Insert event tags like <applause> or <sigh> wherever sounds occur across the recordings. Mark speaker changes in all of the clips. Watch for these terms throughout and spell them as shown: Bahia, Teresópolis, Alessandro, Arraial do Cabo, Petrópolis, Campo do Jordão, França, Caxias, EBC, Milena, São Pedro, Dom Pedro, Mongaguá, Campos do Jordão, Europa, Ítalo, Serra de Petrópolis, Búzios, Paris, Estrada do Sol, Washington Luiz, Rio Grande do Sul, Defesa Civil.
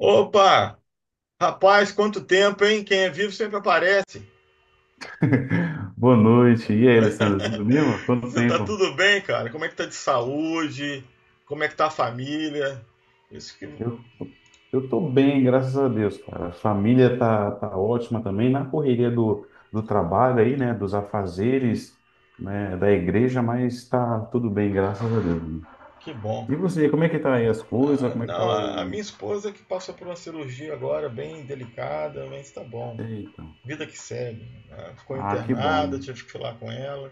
Speaker 1: Opa! Rapaz, quanto tempo, hein? Quem é vivo sempre aparece.
Speaker 2: <laughs> Boa noite. E aí, Alessandro, tudo bem, mano?
Speaker 1: <laughs>
Speaker 2: Quanto
Speaker 1: Você tá
Speaker 2: tempo?
Speaker 1: tudo bem, cara? Como é que tá de saúde? Como é que tá a família? Isso que,
Speaker 2: Eu, eu tô bem, graças a Deus, cara. A família tá ótima também, na correria do trabalho aí, né? Dos afazeres, né? Da igreja, mas tá tudo bem, graças a Deus, mano.
Speaker 1: que bom.
Speaker 2: E você, como é que tá aí as coisas?
Speaker 1: Ah,
Speaker 2: Como é que tá
Speaker 1: não, a
Speaker 2: o...
Speaker 1: minha esposa que passou por uma cirurgia agora, bem delicada, mas tá bom.
Speaker 2: Eita.
Speaker 1: Vida que segue. Ela ficou
Speaker 2: Ah, que
Speaker 1: internada,
Speaker 2: bom.
Speaker 1: tive que falar com ela.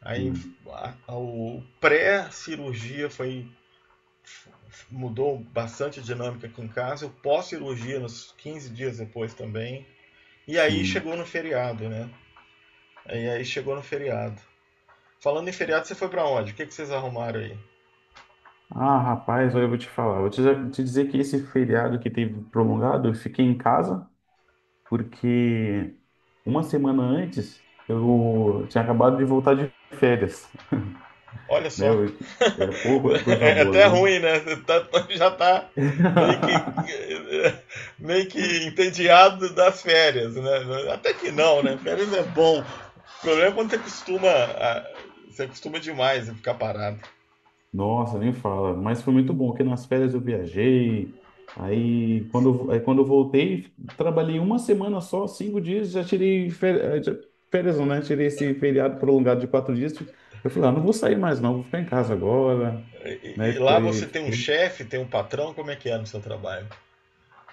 Speaker 1: Aí
Speaker 2: Hum,
Speaker 1: o pré-cirurgia foi mudou bastante a dinâmica aqui em casa. Eu pós-cirurgia, nos 15 dias depois também. E aí
Speaker 2: Sim.
Speaker 1: chegou no feriado, né? E aí chegou no feriado. Falando em feriado, você foi para onde? O que, que vocês arrumaram aí?
Speaker 2: Ah, rapaz, olha, eu vou te falar. Te dizer que esse feriado que teve prolongado, eu fiquei em casa, porque uma semana antes eu tinha acabado de voltar de férias,
Speaker 1: Olha
Speaker 2: né?
Speaker 1: só.
Speaker 2: Eu-
Speaker 1: <laughs>
Speaker 2: é pouco, é coisa
Speaker 1: É
Speaker 2: boa,
Speaker 1: até
Speaker 2: viu?
Speaker 1: ruim, né? Já tá meio que
Speaker 2: <laughs>
Speaker 1: meio que entediado das férias, né? Até que não, né? Férias é bom. O problema é quando ah, você costuma demais a ficar parado.
Speaker 2: Nossa, nem fala. Mas foi muito bom, porque nas férias eu viajei. Aí quando eu voltei, trabalhei uma semana só, cinco dias, já tirei férias, férias não, né? Tirei esse feriado prolongado de quatro dias. Eu falei, ah, não vou sair mais não, vou ficar em casa agora.
Speaker 1: E,
Speaker 2: Né?
Speaker 1: e lá você
Speaker 2: Foi.
Speaker 1: tem um chefe, tem um patrão, como é que é no seu trabalho?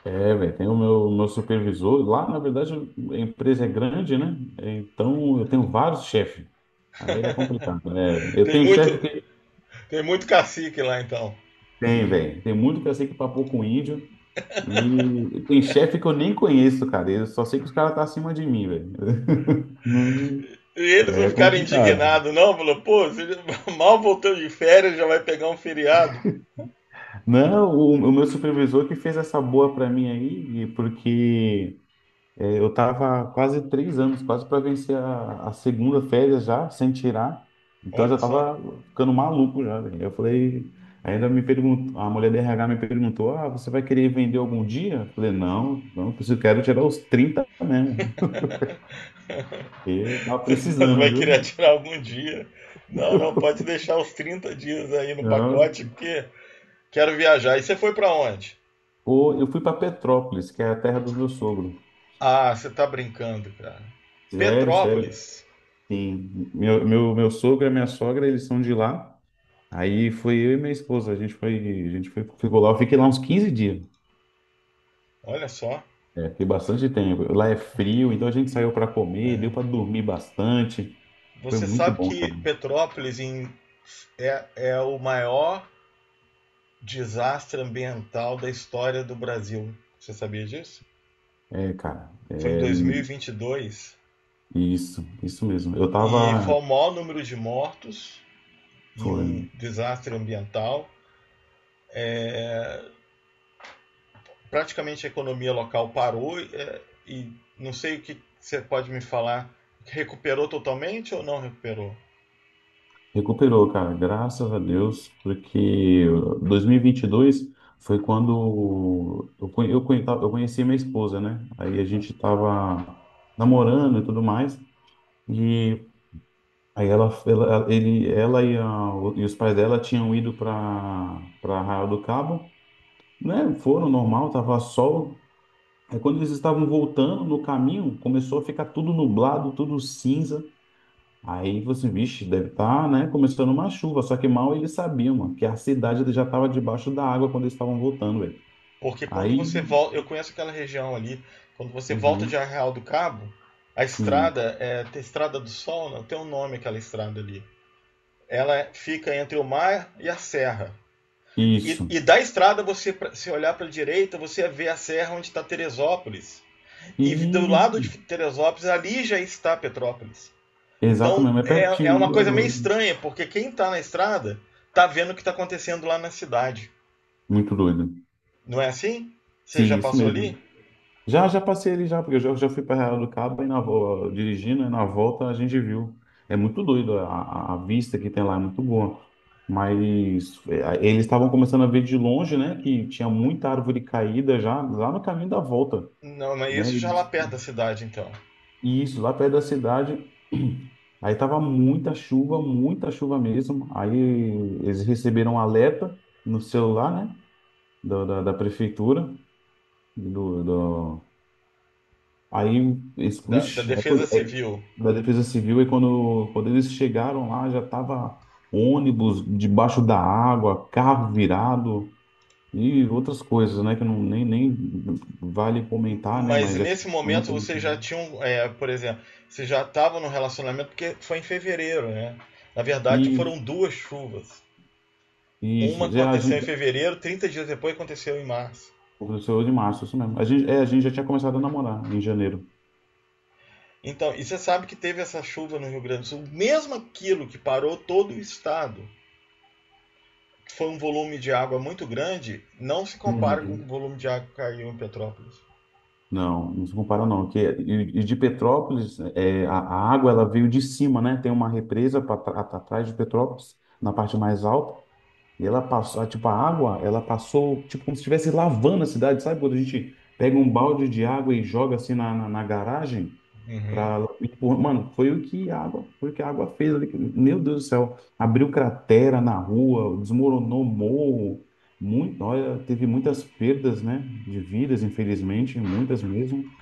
Speaker 2: É, velho, tem o meu supervisor. Lá, na verdade, a empresa é grande, né? Então, eu tenho vários chefes. Aí é complicado, né? Eu
Speaker 1: Tem
Speaker 2: tenho
Speaker 1: muito,
Speaker 2: chefe que
Speaker 1: tem muito cacique lá então.
Speaker 2: tem, velho. Tem muito que eu sei que papou com índio. E tem chefe que eu nem conheço, cara. Eu só sei que os caras estão tá acima de mim, velho. <laughs> Não-
Speaker 1: E eles não
Speaker 2: é
Speaker 1: ficaram
Speaker 2: complicado.
Speaker 1: indignados, não? Falou, pô, você <laughs> mal voltou de férias, já vai pegar um feriado.
Speaker 2: Não, o meu supervisor que fez essa boa pra mim aí, porque é, eu tava quase três anos, quase para vencer a segunda férias já, sem tirar. Então eu já
Speaker 1: Olha só.
Speaker 2: tava ficando maluco já, velho. Eu falei, ainda me perguntou, a mulher do RH me perguntou, ah, você vai querer vender algum dia? Eu falei, não, não preciso, quero tirar os 30, mesmo. E
Speaker 1: <laughs>
Speaker 2: tava
Speaker 1: Você
Speaker 2: precisando,
Speaker 1: vai querer
Speaker 2: viu?
Speaker 1: tirar algum dia. Não, não,
Speaker 2: <laughs>
Speaker 1: pode deixar os 30 dias aí no
Speaker 2: Não.
Speaker 1: pacote, porque quero viajar. E você foi para onde?
Speaker 2: Ou eu fui para Petrópolis, que é a terra do meu sogro.
Speaker 1: Ah, você tá brincando, cara.
Speaker 2: Sério, sério.
Speaker 1: Petrópolis.
Speaker 2: Sim. Meu sogro e minha sogra, eles são de lá. Aí foi eu e minha esposa, a gente foi, ficou lá, eu fiquei lá uns quinze dias.
Speaker 1: Olha só.
Speaker 2: É, fiquei bastante tempo. Lá é frio, então a gente saiu para comer, deu para dormir bastante. Foi
Speaker 1: Você
Speaker 2: muito
Speaker 1: sabe
Speaker 2: bom,
Speaker 1: que
Speaker 2: cara.
Speaker 1: Petrópolis é o maior desastre ambiental da história do Brasil. Você sabia disso?
Speaker 2: É, cara,
Speaker 1: Foi em
Speaker 2: é
Speaker 1: 2022 e 22
Speaker 2: isso mesmo. Eu
Speaker 1: e foi
Speaker 2: tava,
Speaker 1: o maior número de mortos em
Speaker 2: foi,
Speaker 1: um desastre ambiental. Praticamente a economia local parou e não sei o que você pode me falar. Recuperou totalmente ou não recuperou?
Speaker 2: recuperou, cara, graças a Deus, porque 2022 foi quando eu, conhe- eu conheci minha esposa, né? Aí a gente tava namorando e tudo mais. E aí ela e, a, e os pais dela tinham ido para Arraial do Cabo, né? Foram normal, tava sol. Aí quando eles estavam voltando no caminho, começou a ficar tudo nublado, tudo cinza. Aí você, vixe, deve estar, tá, né? Começando uma chuva. Só que mal eles sabiam, mano, que a cidade já estava debaixo da água quando eles estavam voltando, velho.
Speaker 1: Porque quando
Speaker 2: Aí,
Speaker 1: você volta, eu conheço aquela região ali, quando você volta de
Speaker 2: uhum,
Speaker 1: Arraial do Cabo, a
Speaker 2: sim,
Speaker 1: estrada, tem Estrada do Sol, não tem um nome aquela estrada ali. Ela fica entre o mar e a serra. E,
Speaker 2: isso.
Speaker 1: e da estrada, você se olhar para a direita, você vê a serra onde está Teresópolis.
Speaker 2: E
Speaker 1: E do lado de Teresópolis, ali já está Petrópolis.
Speaker 2: exato
Speaker 1: Então
Speaker 2: mesmo, é
Speaker 1: é
Speaker 2: pertinho,
Speaker 1: uma
Speaker 2: igual
Speaker 1: coisa meio
Speaker 2: do-
Speaker 1: estranha, porque quem está na estrada está vendo o que está acontecendo lá na cidade.
Speaker 2: muito doido.
Speaker 1: Não é assim? Você
Speaker 2: Sim,
Speaker 1: já
Speaker 2: isso
Speaker 1: passou ali?
Speaker 2: mesmo. Já, já passei ali já, porque já fui para Real do Cabo e na, vo- dirigindo, e na volta a gente viu. É muito doido, a vista que tem lá é muito boa. Mas é, eles estavam começando a ver de longe, né, que tinha muita árvore caída já lá no caminho da volta,
Speaker 1: Não, não é isso
Speaker 2: né?
Speaker 1: já é lá
Speaker 2: Eles-
Speaker 1: perto da cidade, então.
Speaker 2: e isso, lá perto da cidade. <clears throat> Aí tava muita chuva mesmo. Aí eles receberam um alerta no celular, né, da prefeitura, do- aí, esse,
Speaker 1: Da
Speaker 2: vixe, aí,
Speaker 1: Defesa
Speaker 2: quando- aí,
Speaker 1: Civil.
Speaker 2: da Defesa Civil, quando eles chegaram lá, já tava ônibus debaixo da água, carro virado e outras coisas, né? Que não, nem, nem vale comentar, né?
Speaker 1: Mas
Speaker 2: Mas já tinha
Speaker 1: nesse momento
Speaker 2: muita.
Speaker 1: vocês já tinham, por exemplo, vocês já estavam no relacionamento porque foi em fevereiro, né? Na verdade,
Speaker 2: E
Speaker 1: foram duas chuvas. Uma
Speaker 2: isso, já, a
Speaker 1: aconteceu em
Speaker 2: gente,
Speaker 1: fevereiro, 30 dias depois aconteceu em março.
Speaker 2: o 8 de março, isso mesmo. A gente, é, a gente já tinha começado a namorar em janeiro.
Speaker 1: Então, e você sabe que teve essa chuva no Rio Grande do Sul, mesmo aquilo que parou todo o estado, foi um volume de água muito grande, não se compara com o
Speaker 2: Uhum.
Speaker 1: volume de água que caiu em Petrópolis.
Speaker 2: Não, não se compara não. Que, é, e de Petrópolis, é, a água ela veio de cima, né? Tem uma represa pra, tra- at- atrás de Petrópolis, na parte mais alta, e ela passou, ah, tipo, a água, ela passou, tipo, como se estivesse lavando a cidade, sabe? Quando a gente pega um balde de água e joga assim na, na garagem,
Speaker 1: Uhum.
Speaker 2: pra, e, pô, mano, foi o que a água, foi o que a água fez ali. Meu Deus do céu, abriu cratera na rua, desmoronou morro. Muito, olha, teve muitas perdas, né, de vidas, infelizmente, muitas mesmo.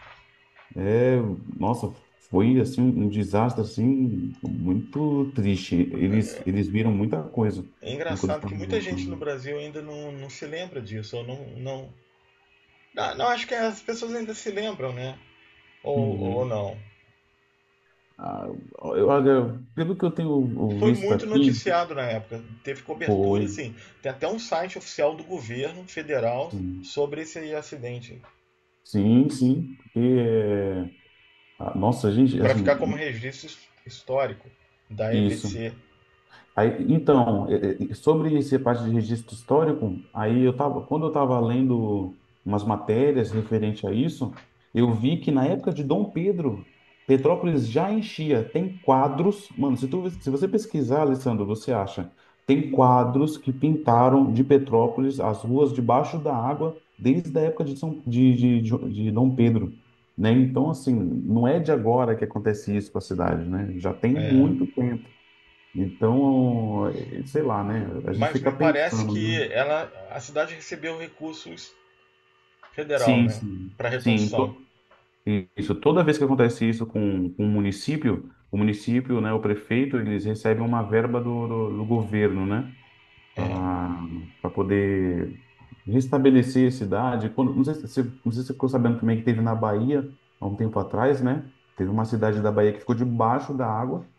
Speaker 2: É, nossa, foi assim um desastre assim muito triste. Eles viram muita coisa,
Speaker 1: É
Speaker 2: né, quando
Speaker 1: engraçado que
Speaker 2: estavam
Speaker 1: muita gente no Brasil ainda não se lembra disso, ou não, não. Ah, não, acho que as pessoas ainda se lembram, né? Ou
Speaker 2: uhum.
Speaker 1: não.
Speaker 2: Ah, eu- olha, pelo que eu tenho
Speaker 1: Foi
Speaker 2: visto
Speaker 1: muito
Speaker 2: aqui,
Speaker 1: noticiado na época. Teve cobertura,
Speaker 2: foi
Speaker 1: assim. Tem até um site oficial do governo federal
Speaker 2: sim,
Speaker 1: sobre esse acidente.
Speaker 2: sim, porque é, ah, nossa, gente,
Speaker 1: Para
Speaker 2: assim,
Speaker 1: ficar como registro histórico da
Speaker 2: isso.
Speaker 1: EBC.
Speaker 2: Aí, então, sobre essa parte de registro histórico, aí eu tava, quando eu estava lendo umas matérias referente a isso, eu vi que na época de Dom Pedro, Petrópolis já enchia. Tem quadros, mano, se tu, se você pesquisar, Alessandro, você acha, tem quadros que pintaram de Petrópolis as ruas debaixo da água desde a época de, São, de Dom Pedro, né? Então, assim, não é de agora que acontece isso com a cidade, né? Já tem
Speaker 1: É.
Speaker 2: muito tempo. Então, eh, sei lá, né? A gente
Speaker 1: Mas
Speaker 2: fica
Speaker 1: me parece
Speaker 2: pensando,
Speaker 1: que
Speaker 2: né?
Speaker 1: ela, a cidade recebeu recursos federal, né? Para
Speaker 2: Sim.
Speaker 1: reconstrução.
Speaker 2: To- isso. Toda vez que acontece isso com o município, né, o prefeito, eles recebem uma verba do governo, né?
Speaker 1: É.
Speaker 2: Para poder restabelecer a cidade. Quando- não sei se, se- não sei se você ficou sabendo também que teve na Bahia, há um tempo atrás, né? Teve uma cidade da Bahia que ficou debaixo da água,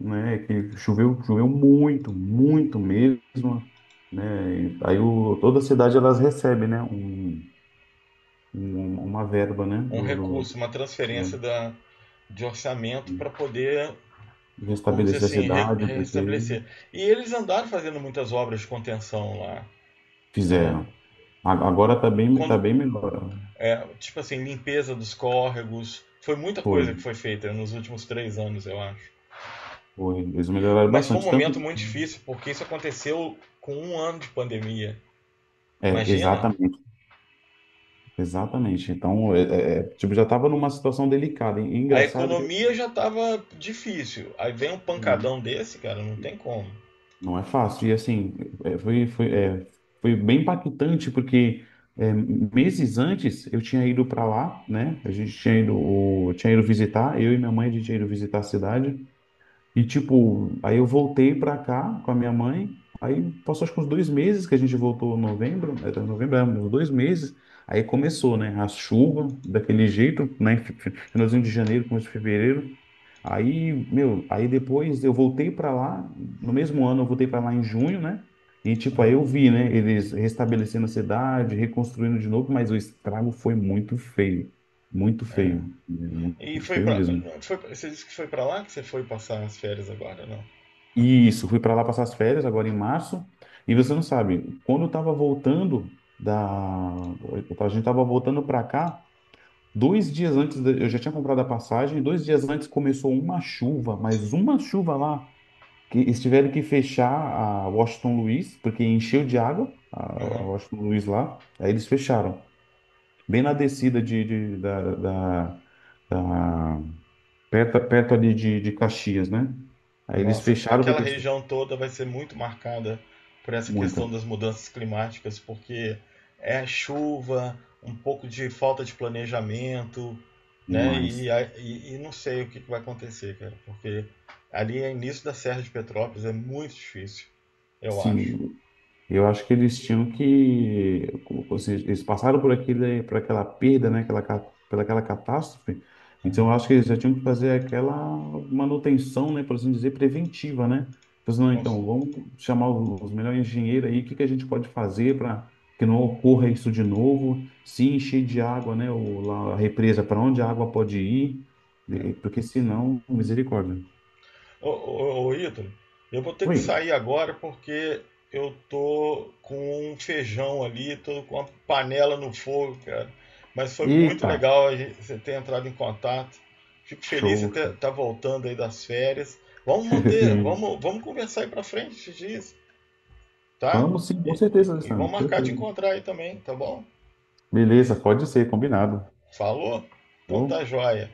Speaker 2: né, que choveu, choveu muito, muito mesmo, né, e aí o, toda a cidade elas recebem, né, um- uma verba, né,
Speaker 1: Um
Speaker 2: do,
Speaker 1: recurso,
Speaker 2: do
Speaker 1: uma
Speaker 2: é,
Speaker 1: transferência de orçamento para poder
Speaker 2: de
Speaker 1: vamos dizer
Speaker 2: restabelecer a
Speaker 1: assim, re
Speaker 2: cidade, porque
Speaker 1: restabelecer. E eles andaram fazendo muitas obras de contenção lá.
Speaker 2: fizeram. A- agora tá
Speaker 1: Quando,
Speaker 2: bem melhor.
Speaker 1: tipo assim, limpeza dos córregos, foi muita
Speaker 2: Foi,
Speaker 1: coisa que foi feita nos últimos 3 anos, eu acho.
Speaker 2: foi, eles melhoraram
Speaker 1: Mas foi um
Speaker 2: bastante,
Speaker 1: momento
Speaker 2: tanto,
Speaker 1: muito difícil, porque isso aconteceu com um ano de pandemia.
Speaker 2: é,
Speaker 1: Imagina?
Speaker 2: exatamente, exatamente. Então, é, tipo, já estava numa situação delicada, e
Speaker 1: A
Speaker 2: engraçado que
Speaker 1: economia já estava difícil. Aí vem um
Speaker 2: assim,
Speaker 1: pancadão desse, cara, não tem como.
Speaker 2: não é fácil. E assim, é, é, foi bem impactante, porque é, meses antes eu tinha ido para lá, né? A gente tinha ido, o- tinha ido visitar, eu e minha mãe, a gente tinha ido visitar a cidade. E tipo, aí eu voltei para cá com a minha mãe. Aí passou acho que uns dois meses que a gente voltou em novembro, é, tá, novembro, é, uns dois meses. Aí começou, né? A chuva, daquele jeito, né? Finalzinho de janeiro, começo de fevereiro. Aí, meu, aí depois eu voltei para lá, no mesmo ano eu voltei para lá em junho, né? E tipo, aí eu vi, né, eles restabelecendo a cidade, reconstruindo de novo, mas o estrago foi muito feio, muito feio,
Speaker 1: E
Speaker 2: muito
Speaker 1: foi
Speaker 2: feio
Speaker 1: pra.
Speaker 2: mesmo.
Speaker 1: Foi, você disse que foi pra lá que você foi passar as férias agora, não?
Speaker 2: E isso, fui para lá passar as férias agora em março, e você não sabe, quando eu tava voltando da eu tava- a gente tava voltando para cá, dois dias antes eu já tinha comprado a passagem, dois dias antes começou uma chuva, mas uma chuva lá que eles tiveram que fechar a Washington Luiz, porque encheu de água a
Speaker 1: Uhum.
Speaker 2: Washington Luiz lá. Aí eles fecharam. Bem na descida da, da- perto, perto ali de Caxias, né? Aí eles
Speaker 1: Nossa,
Speaker 2: fecharam
Speaker 1: aquela
Speaker 2: porque
Speaker 1: região toda vai ser muito marcada por essa
Speaker 2: muita
Speaker 1: questão das mudanças climáticas, porque é chuva, um pouco de falta de planejamento, né? E,
Speaker 2: demais.
Speaker 1: a- e, e não sei o que que vai acontecer, cara, porque ali é início da Serra de Petrópolis, é muito difícil, eu acho.
Speaker 2: Sim, eu acho que eles tinham que, como- ou eles passaram por aquele, por aquela perda, né, aquela, ca- pela aquela catástrofe. Então, eu
Speaker 1: Aham.
Speaker 2: acho que eles já tinham que fazer aquela manutenção, né, por assim dizer, preventiva, né? Pois não,
Speaker 1: Vamos-
Speaker 2: então, vamos chamar os melhores engenheiros aí, o que que a gente pode fazer para que não ocorra isso de novo? Se encher de água, né, o, lá, a represa, para onde a água pode ir? Eh, porque senão, misericórdia.
Speaker 1: Ô, ô, ô Ítalo, eu vou ter que
Speaker 2: Foi.
Speaker 1: sair agora porque eu tô com um feijão ali, tô com uma panela no fogo, cara. Mas foi muito
Speaker 2: Eita,
Speaker 1: legal você ter entrado em contato. Fico feliz de você estar
Speaker 2: show.
Speaker 1: tá voltando aí das férias. Vamos
Speaker 2: <laughs>
Speaker 1: manter,
Speaker 2: Sim.
Speaker 1: vamos, vamos conversar aí pra frente esses dias, tá?
Speaker 2: Vamos sim,
Speaker 1: E,
Speaker 2: com
Speaker 1: e,
Speaker 2: certeza,
Speaker 1: e
Speaker 2: Alessandro,
Speaker 1: vamos
Speaker 2: com
Speaker 1: marcar de
Speaker 2: certeza.
Speaker 1: encontrar aí também, tá bom?
Speaker 2: Beleza, pode ser, combinado.
Speaker 1: Falou? Então tá
Speaker 2: Vou.
Speaker 1: joia.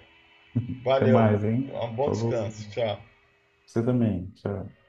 Speaker 2: Até
Speaker 1: Valeu.
Speaker 2: mais, hein?
Speaker 1: Um bom
Speaker 2: Falou.
Speaker 1: descanso. Tchau.
Speaker 2: Você também. Tchau.